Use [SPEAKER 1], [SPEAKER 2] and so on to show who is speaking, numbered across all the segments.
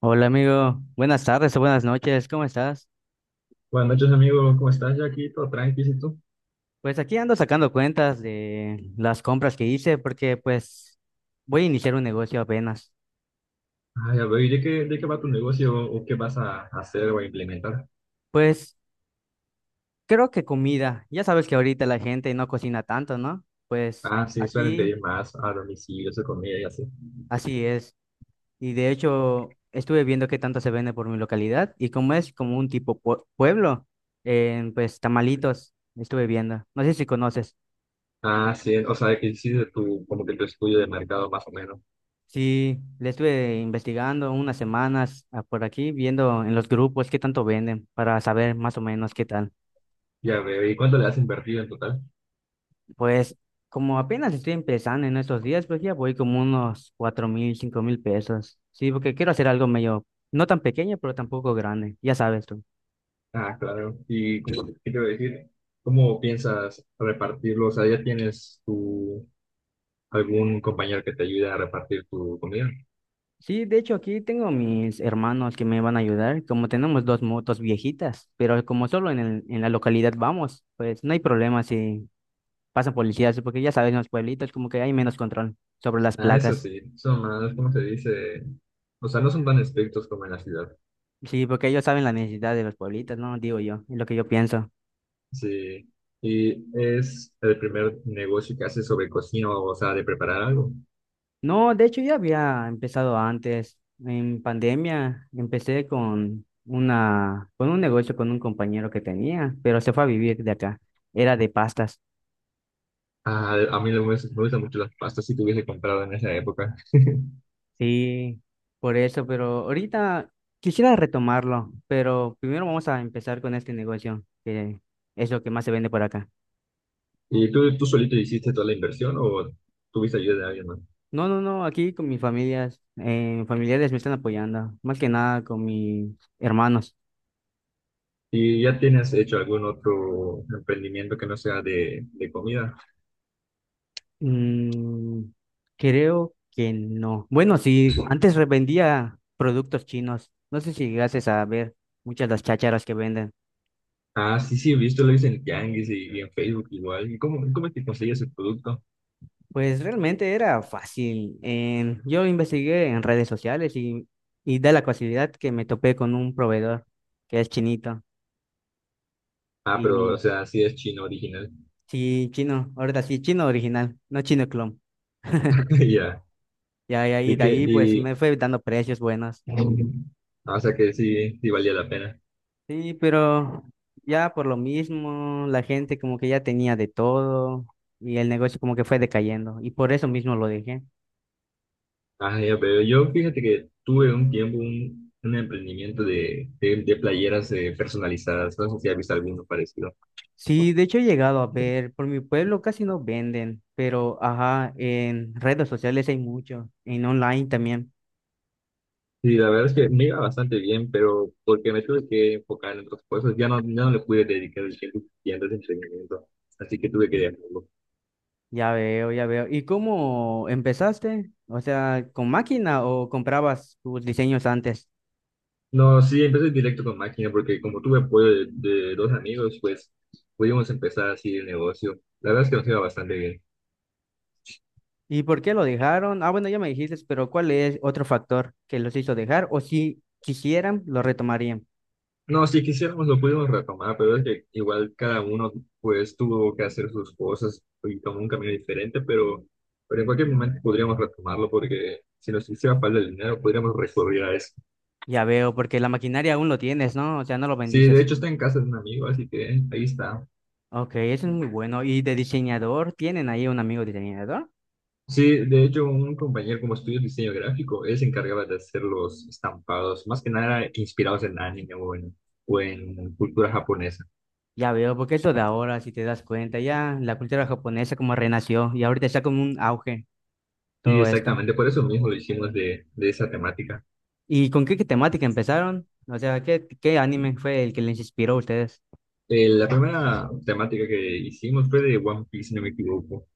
[SPEAKER 1] Hola amigo, buenas tardes o buenas noches, ¿cómo estás?
[SPEAKER 2] Buenas noches, amigo. ¿Cómo estás? Yo aquí todo tranquilo, ¿y tú?
[SPEAKER 1] Pues aquí ando sacando cuentas de las compras que hice porque pues voy a iniciar un negocio apenas.
[SPEAKER 2] Ah, ya veo. ¿Y de qué va tu negocio o qué vas a hacer o a implementar?
[SPEAKER 1] Pues creo que comida, ya sabes que ahorita la gente no cocina tanto, ¿no? Pues
[SPEAKER 2] Ah, sí, suelen
[SPEAKER 1] aquí
[SPEAKER 2] pedir más a domicilio, su comida y así.
[SPEAKER 1] así es. Y de hecho estuve viendo qué tanto se vende por mi localidad y como es como un tipo pueblo, pues tamalitos estuve viendo. No sé si conoces.
[SPEAKER 2] Ah, sí, o sea, que hiciste tu, como que tu estudio de mercado más o menos.
[SPEAKER 1] Sí, le estuve investigando unas semanas por aquí, viendo en los grupos qué tanto venden para saber más o menos qué tal.
[SPEAKER 2] Ya veo. ¿Y cuánto le has invertido en total?
[SPEAKER 1] Pues como apenas estoy empezando en estos días, pues ya voy como unos 4000, 5000 pesos. Sí, porque quiero hacer algo medio, no tan pequeño, pero tampoco grande, ya sabes tú.
[SPEAKER 2] Ah, claro. ¿Y qué te voy a decir? ¿Cómo piensas repartirlo? O sea, ¿ya tienes algún compañero que te ayude a repartir tu comida?
[SPEAKER 1] Sí, de hecho aquí tengo mis hermanos que me van a ayudar, como tenemos dos motos viejitas, pero como solo en la localidad vamos, pues no hay problema si pasan policías, sí, porque ya saben, en los pueblitos como que hay menos control sobre las
[SPEAKER 2] Ah, eso
[SPEAKER 1] placas.
[SPEAKER 2] sí, son más, ¿cómo se dice? O sea, no son tan estrictos como en la ciudad.
[SPEAKER 1] Sí, porque ellos saben la necesidad de los pueblitos, ¿no? Digo yo, es lo que yo pienso.
[SPEAKER 2] Sí. ¿Y es el primer negocio que hace sobre cocina, o sea, de preparar algo?
[SPEAKER 1] No, de hecho ya había empezado antes. En pandemia empecé con un negocio con un compañero que tenía, pero se fue a vivir de acá. Era de pastas.
[SPEAKER 2] Ah, a mí me gustan mucho las pastas, si te hubiese comprado en esa época.
[SPEAKER 1] Sí, por eso, pero ahorita quisiera retomarlo, pero primero vamos a empezar con este negocio, que es lo que más se vende por acá.
[SPEAKER 2] ¿Y tú solito hiciste toda la inversión o tuviste ayuda de alguien más?
[SPEAKER 1] No, no, no, aquí con mis familias, mis familiares me están apoyando, más que nada con mis hermanos.
[SPEAKER 2] ¿Y ya tienes hecho algún otro emprendimiento que no sea de comida?
[SPEAKER 1] Mm, creo que no. Bueno, sí, antes vendía productos chinos, no sé si llegases a ver muchas de las chácharas que venden.
[SPEAKER 2] Ah, sí, sí, he visto, lo hice en Tianguis y en Facebook igual. ¿Y cómo es que consigues el producto?
[SPEAKER 1] Pues realmente era fácil. Yo investigué en redes sociales y da la casualidad que me topé con un proveedor que es chinito.
[SPEAKER 2] Ah, pero, o
[SPEAKER 1] Y
[SPEAKER 2] sea, sí es chino original.
[SPEAKER 1] sí, chino, ahora sí, chino original, no chino clon.
[SPEAKER 2] Ya.
[SPEAKER 1] Ya, ya, y
[SPEAKER 2] ¿Y
[SPEAKER 1] de
[SPEAKER 2] qué?
[SPEAKER 1] ahí pues me fue dando precios buenos.
[SPEAKER 2] Ah, o sea que sí, sí valía la pena.
[SPEAKER 1] Sí, pero ya por lo mismo, la gente como que ya tenía de todo y el negocio como que fue decayendo y por eso mismo lo dejé.
[SPEAKER 2] Ah, ya, pero yo fíjate que tuve un tiempo un emprendimiento de playeras personalizadas. No sé si has visto alguno parecido.
[SPEAKER 1] Sí, de hecho he llegado a ver, por mi pueblo casi no venden, pero ajá, en redes sociales hay mucho, en online también.
[SPEAKER 2] Sí, la verdad es que me iba bastante bien, pero porque me tuve que enfocar en otras cosas, ya no le pude dedicar el tiempo suficiente a ese emprendimiento. Así que tuve que dejarlo.
[SPEAKER 1] Ya veo, ya veo. ¿Y cómo empezaste? O sea, ¿con máquina o comprabas tus diseños antes?
[SPEAKER 2] No, sí, empecé directo con máquina porque como tuve apoyo de dos amigos, pues pudimos empezar así el negocio. La verdad es que nos iba bastante bien.
[SPEAKER 1] ¿Y por qué lo dejaron? Ah, bueno, ya me dijiste, pero ¿cuál es otro factor que los hizo dejar? O si quisieran, lo retomarían.
[SPEAKER 2] No, si quisiéramos lo podemos retomar, pero es que igual cada uno pues tuvo que hacer sus cosas y tomó un camino diferente, pero en cualquier momento podríamos retomarlo, porque si nos hiciera falta el dinero podríamos recurrir a eso.
[SPEAKER 1] Ya veo, porque la maquinaria aún lo tienes, ¿no? O sea, no lo
[SPEAKER 2] Sí, de
[SPEAKER 1] bendices.
[SPEAKER 2] hecho está en casa de un amigo, así que ahí está.
[SPEAKER 1] Ok, eso es muy bueno. ¿Y de diseñador? ¿Tienen ahí un amigo diseñador?
[SPEAKER 2] Sí, de hecho un compañero como estudios diseño gráfico, él se encargaba de hacer los estampados, más que nada inspirados en anime o en cultura japonesa.
[SPEAKER 1] Ya veo, porque eso de ahora, si te das cuenta, ya la cultura japonesa como renació y ahorita está como un auge
[SPEAKER 2] Sí,
[SPEAKER 1] todo esto.
[SPEAKER 2] exactamente, por eso mismo lo hicimos de esa temática.
[SPEAKER 1] ¿Y con qué temática empezaron? O sea, ¿qué anime fue el que les inspiró a ustedes?
[SPEAKER 2] La primera temática que hicimos fue de One Piece, si no me equivoco.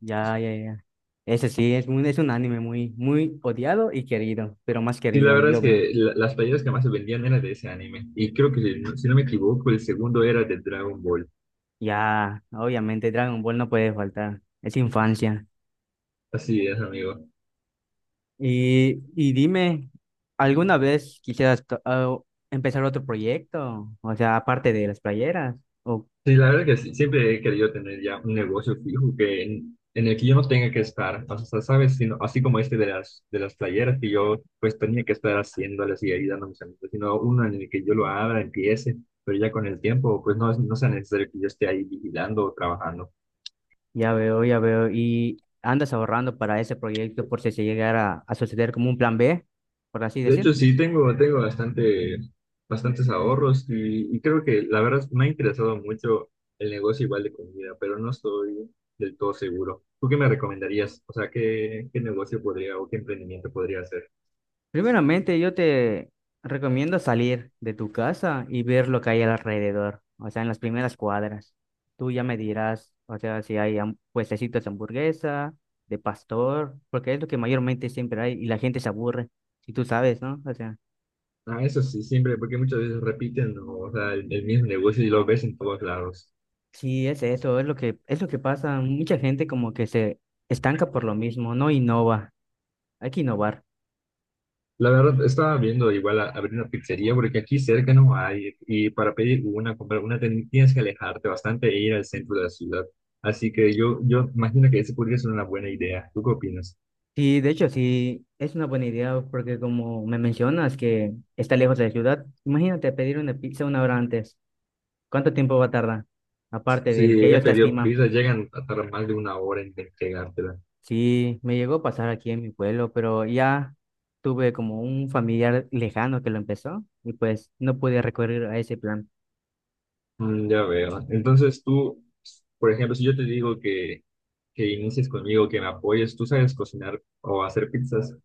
[SPEAKER 1] Ya, ya, ya. Ese sí, es un anime muy, muy odiado y querido, pero más
[SPEAKER 2] Sí, la
[SPEAKER 1] querido,
[SPEAKER 2] verdad
[SPEAKER 1] yo
[SPEAKER 2] es
[SPEAKER 1] veo.
[SPEAKER 2] que las playeras que más se vendían eran de ese anime. Y creo que, si no me equivoco, el segundo era de Dragon Ball.
[SPEAKER 1] Ya, obviamente Dragon Ball no puede faltar, es infancia.
[SPEAKER 2] Así es, amigo.
[SPEAKER 1] Y dime, ¿alguna vez quisieras to- ah, empezar otro proyecto? O sea, aparte de las playeras. Oh,
[SPEAKER 2] Sí, la verdad que sí, siempre he querido tener ya un negocio fijo en el que yo no tenga que estar, o sea, sabes, así como este de las playeras, que yo pues tenía que estar haciéndolas y ayudando a mis amigos, sino uno en el que yo lo abra, empiece, pero ya con el tiempo pues no, no sea necesario que yo esté ahí vigilando o trabajando.
[SPEAKER 1] ya veo, ya veo. ¿Y andas ahorrando para ese proyecto por si se llegara a suceder como un plan B, por así
[SPEAKER 2] De
[SPEAKER 1] decir?
[SPEAKER 2] hecho, sí, tengo bastantes ahorros y creo que la verdad me ha interesado mucho el negocio igual de comida, pero no estoy del todo seguro. ¿Tú qué me recomendarías? O sea, ¿qué negocio podría o qué emprendimiento podría hacer?
[SPEAKER 1] Primeramente, yo te recomiendo salir de tu casa y ver lo que hay alrededor, o sea, en las primeras cuadras. Tú ya me dirás, o sea, si hay puestecitos de hamburguesa, de pastor, porque es lo que mayormente siempre hay y la gente se aburre, si tú sabes, ¿no? O sea,
[SPEAKER 2] Ah, eso sí, siempre, porque muchas veces repiten, ¿no? O sea, el mismo negocio y lo ves en todos lados.
[SPEAKER 1] sí, es eso, es lo que pasa. Mucha gente como que se estanca por lo mismo, no innova. Hay que innovar.
[SPEAKER 2] La verdad, estaba viendo igual abrir una pizzería, porque aquí cerca no hay, y para pedir una, comprar una, tienes que alejarte bastante e ir al centro de la ciudad. Así que yo, imagino que esa podría ser una buena idea. ¿Tú qué opinas?
[SPEAKER 1] Sí, de hecho, sí, es una buena idea porque como me mencionas que está lejos de la ciudad, imagínate pedir una pizza una hora antes. ¿Cuánto tiempo va a tardar? Aparte del que
[SPEAKER 2] Sí, he
[SPEAKER 1] ellos la
[SPEAKER 2] pedido
[SPEAKER 1] estiman.
[SPEAKER 2] pizza, llegan a tardar más de una hora en entregártela.
[SPEAKER 1] Sí, me llegó a pasar aquí en mi pueblo, pero ya tuve como un familiar lejano que lo empezó y pues no pude recurrir a ese plan.
[SPEAKER 2] Ya veo. Entonces tú, por ejemplo, si yo te digo que inicies conmigo, que me apoyes, ¿tú sabes cocinar o hacer pizzas?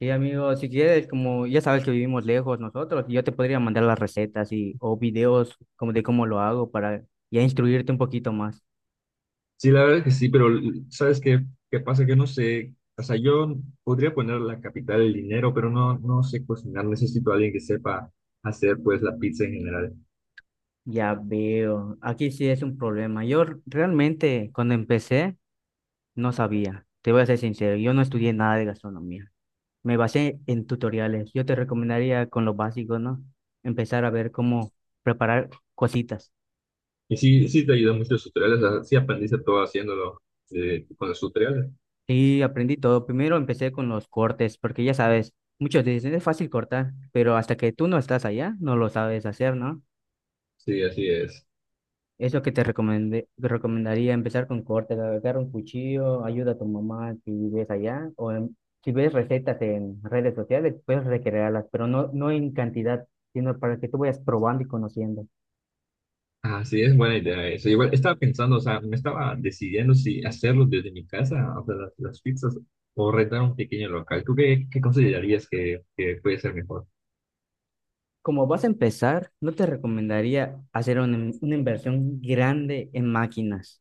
[SPEAKER 1] Sí, amigo, si quieres, como ya sabes que vivimos lejos nosotros, yo te podría mandar las recetas y o videos como de cómo lo hago para ya instruirte un poquito más.
[SPEAKER 2] Sí, la verdad es que sí, pero ¿sabes qué pasa? Que no sé, o sea, yo podría poner la capital del dinero, pero no sé cocinar, necesito a alguien que sepa hacer pues la pizza en general.
[SPEAKER 1] Ya veo, aquí sí es un problema. Yo realmente cuando empecé no sabía, te voy a ser sincero, yo no estudié nada de gastronomía. Me basé en tutoriales. Yo te recomendaría con lo básico, ¿no? Empezar a ver cómo preparar cositas.
[SPEAKER 2] Y sí, sí te ayudan mucho los tutoriales, o sea, sí aprendiste todo haciéndolo con los tutoriales.
[SPEAKER 1] Y aprendí todo. Primero empecé con los cortes, porque ya sabes, muchos dicen es fácil cortar, pero hasta que tú no estás allá, no lo sabes hacer, ¿no?
[SPEAKER 2] Sí, así es.
[SPEAKER 1] Es lo que te recomendé, te recomendaría empezar con cortes, agarrar un cuchillo, ayuda a tu mamá si ves allá, si ves recetas en redes sociales, puedes recrearlas, pero no, no en cantidad, sino para que tú vayas probando y conociendo.
[SPEAKER 2] Ah, sí, es buena idea eso. Igual estaba pensando, o sea, me estaba decidiendo si hacerlo desde mi casa, o sea, las pizzas, o rentar un pequeño local. ¿Tú qué considerarías que puede ser mejor?
[SPEAKER 1] Como vas a empezar, no te recomendaría una inversión grande en máquinas,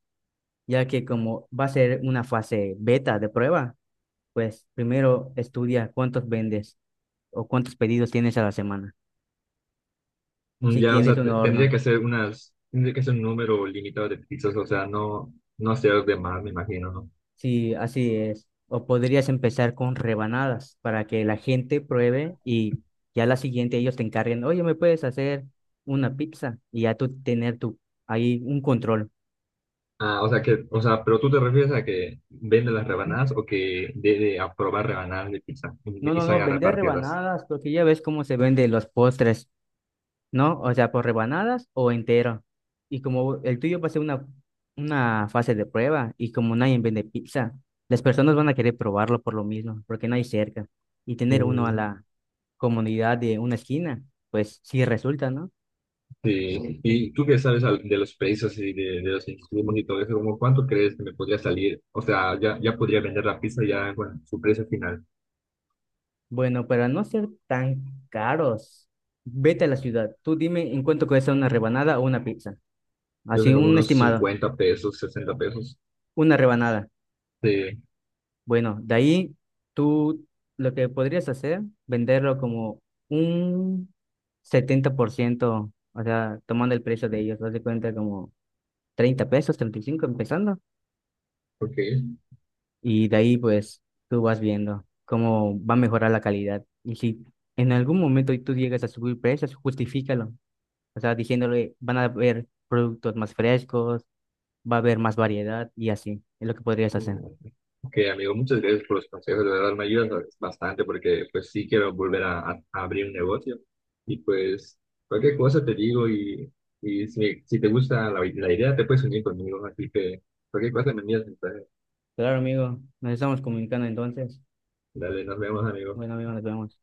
[SPEAKER 1] ya que como va a ser una fase beta de prueba, pues primero estudia cuántos vendes o cuántos pedidos tienes a la semana. Si
[SPEAKER 2] Ya, o
[SPEAKER 1] tienes
[SPEAKER 2] sea,
[SPEAKER 1] un
[SPEAKER 2] tendría
[SPEAKER 1] horno.
[SPEAKER 2] que ser tendría que ser un número limitado de pizzas, o sea, no hacer de más, me imagino, ¿no?
[SPEAKER 1] Sí, así es. O podrías empezar con rebanadas para que la gente pruebe y ya la siguiente ellos te encarguen, oye, ¿me puedes hacer una pizza? Y ya tú tener tu, ahí un control.
[SPEAKER 2] Ah, o sea que, o sea, pero tú te refieres a que vende las rebanadas, o que debe aprobar rebanadas de pizza
[SPEAKER 1] No,
[SPEAKER 2] y
[SPEAKER 1] no, no,
[SPEAKER 2] salga a
[SPEAKER 1] vender
[SPEAKER 2] repartirlas.
[SPEAKER 1] rebanadas porque ya ves cómo se venden los postres, ¿no? O sea, por rebanadas o entero. Y como el tuyo va a ser una fase de prueba y como nadie vende pizza, las personas van a querer probarlo por lo mismo, porque no hay cerca. Y tener uno a
[SPEAKER 2] Mm,
[SPEAKER 1] la, comunidad de una esquina, pues sí resulta, ¿no?
[SPEAKER 2] sí. ¿Y tú qué sabes de los precios y de los insumos y todo eso? ¿Cómo cuánto crees que me podría salir? O sea, ya, podría vender la pizza ya con su precio final.
[SPEAKER 1] Bueno, para no ser tan caros, vete a la ciudad. Tú dime en cuánto cuesta una rebanada o una pizza.
[SPEAKER 2] Yo
[SPEAKER 1] Así,
[SPEAKER 2] sé como
[SPEAKER 1] un
[SPEAKER 2] unos
[SPEAKER 1] estimado,
[SPEAKER 2] 50 pesos, 60 pesos.
[SPEAKER 1] una rebanada.
[SPEAKER 2] Sí,
[SPEAKER 1] Bueno, de ahí tú lo que podrías hacer, venderlo como un 70%, o sea, tomando el precio de ellos, haz de cuenta como 30 pesos, 35 empezando.
[SPEAKER 2] ok.
[SPEAKER 1] Y de ahí pues tú vas viendo cómo va a mejorar la calidad. Y si en algún momento tú llegas a subir precios, justifícalo. O sea, diciéndole, van a haber productos más frescos, va a haber más variedad y así. Es lo que podrías hacer.
[SPEAKER 2] Ok, amigo, muchas gracias por los consejos, de verdad me ayudas bastante, porque pues sí quiero volver a abrir un negocio, y pues cualquier cosa te digo, y si, te gusta la idea te puedes unir conmigo, así que cualquier cosa me envías mensaje.
[SPEAKER 1] Claro, amigo. Nos estamos comunicando entonces.
[SPEAKER 2] Dale, nos vemos, amigo.
[SPEAKER 1] Bueno, amigo, nos vemos.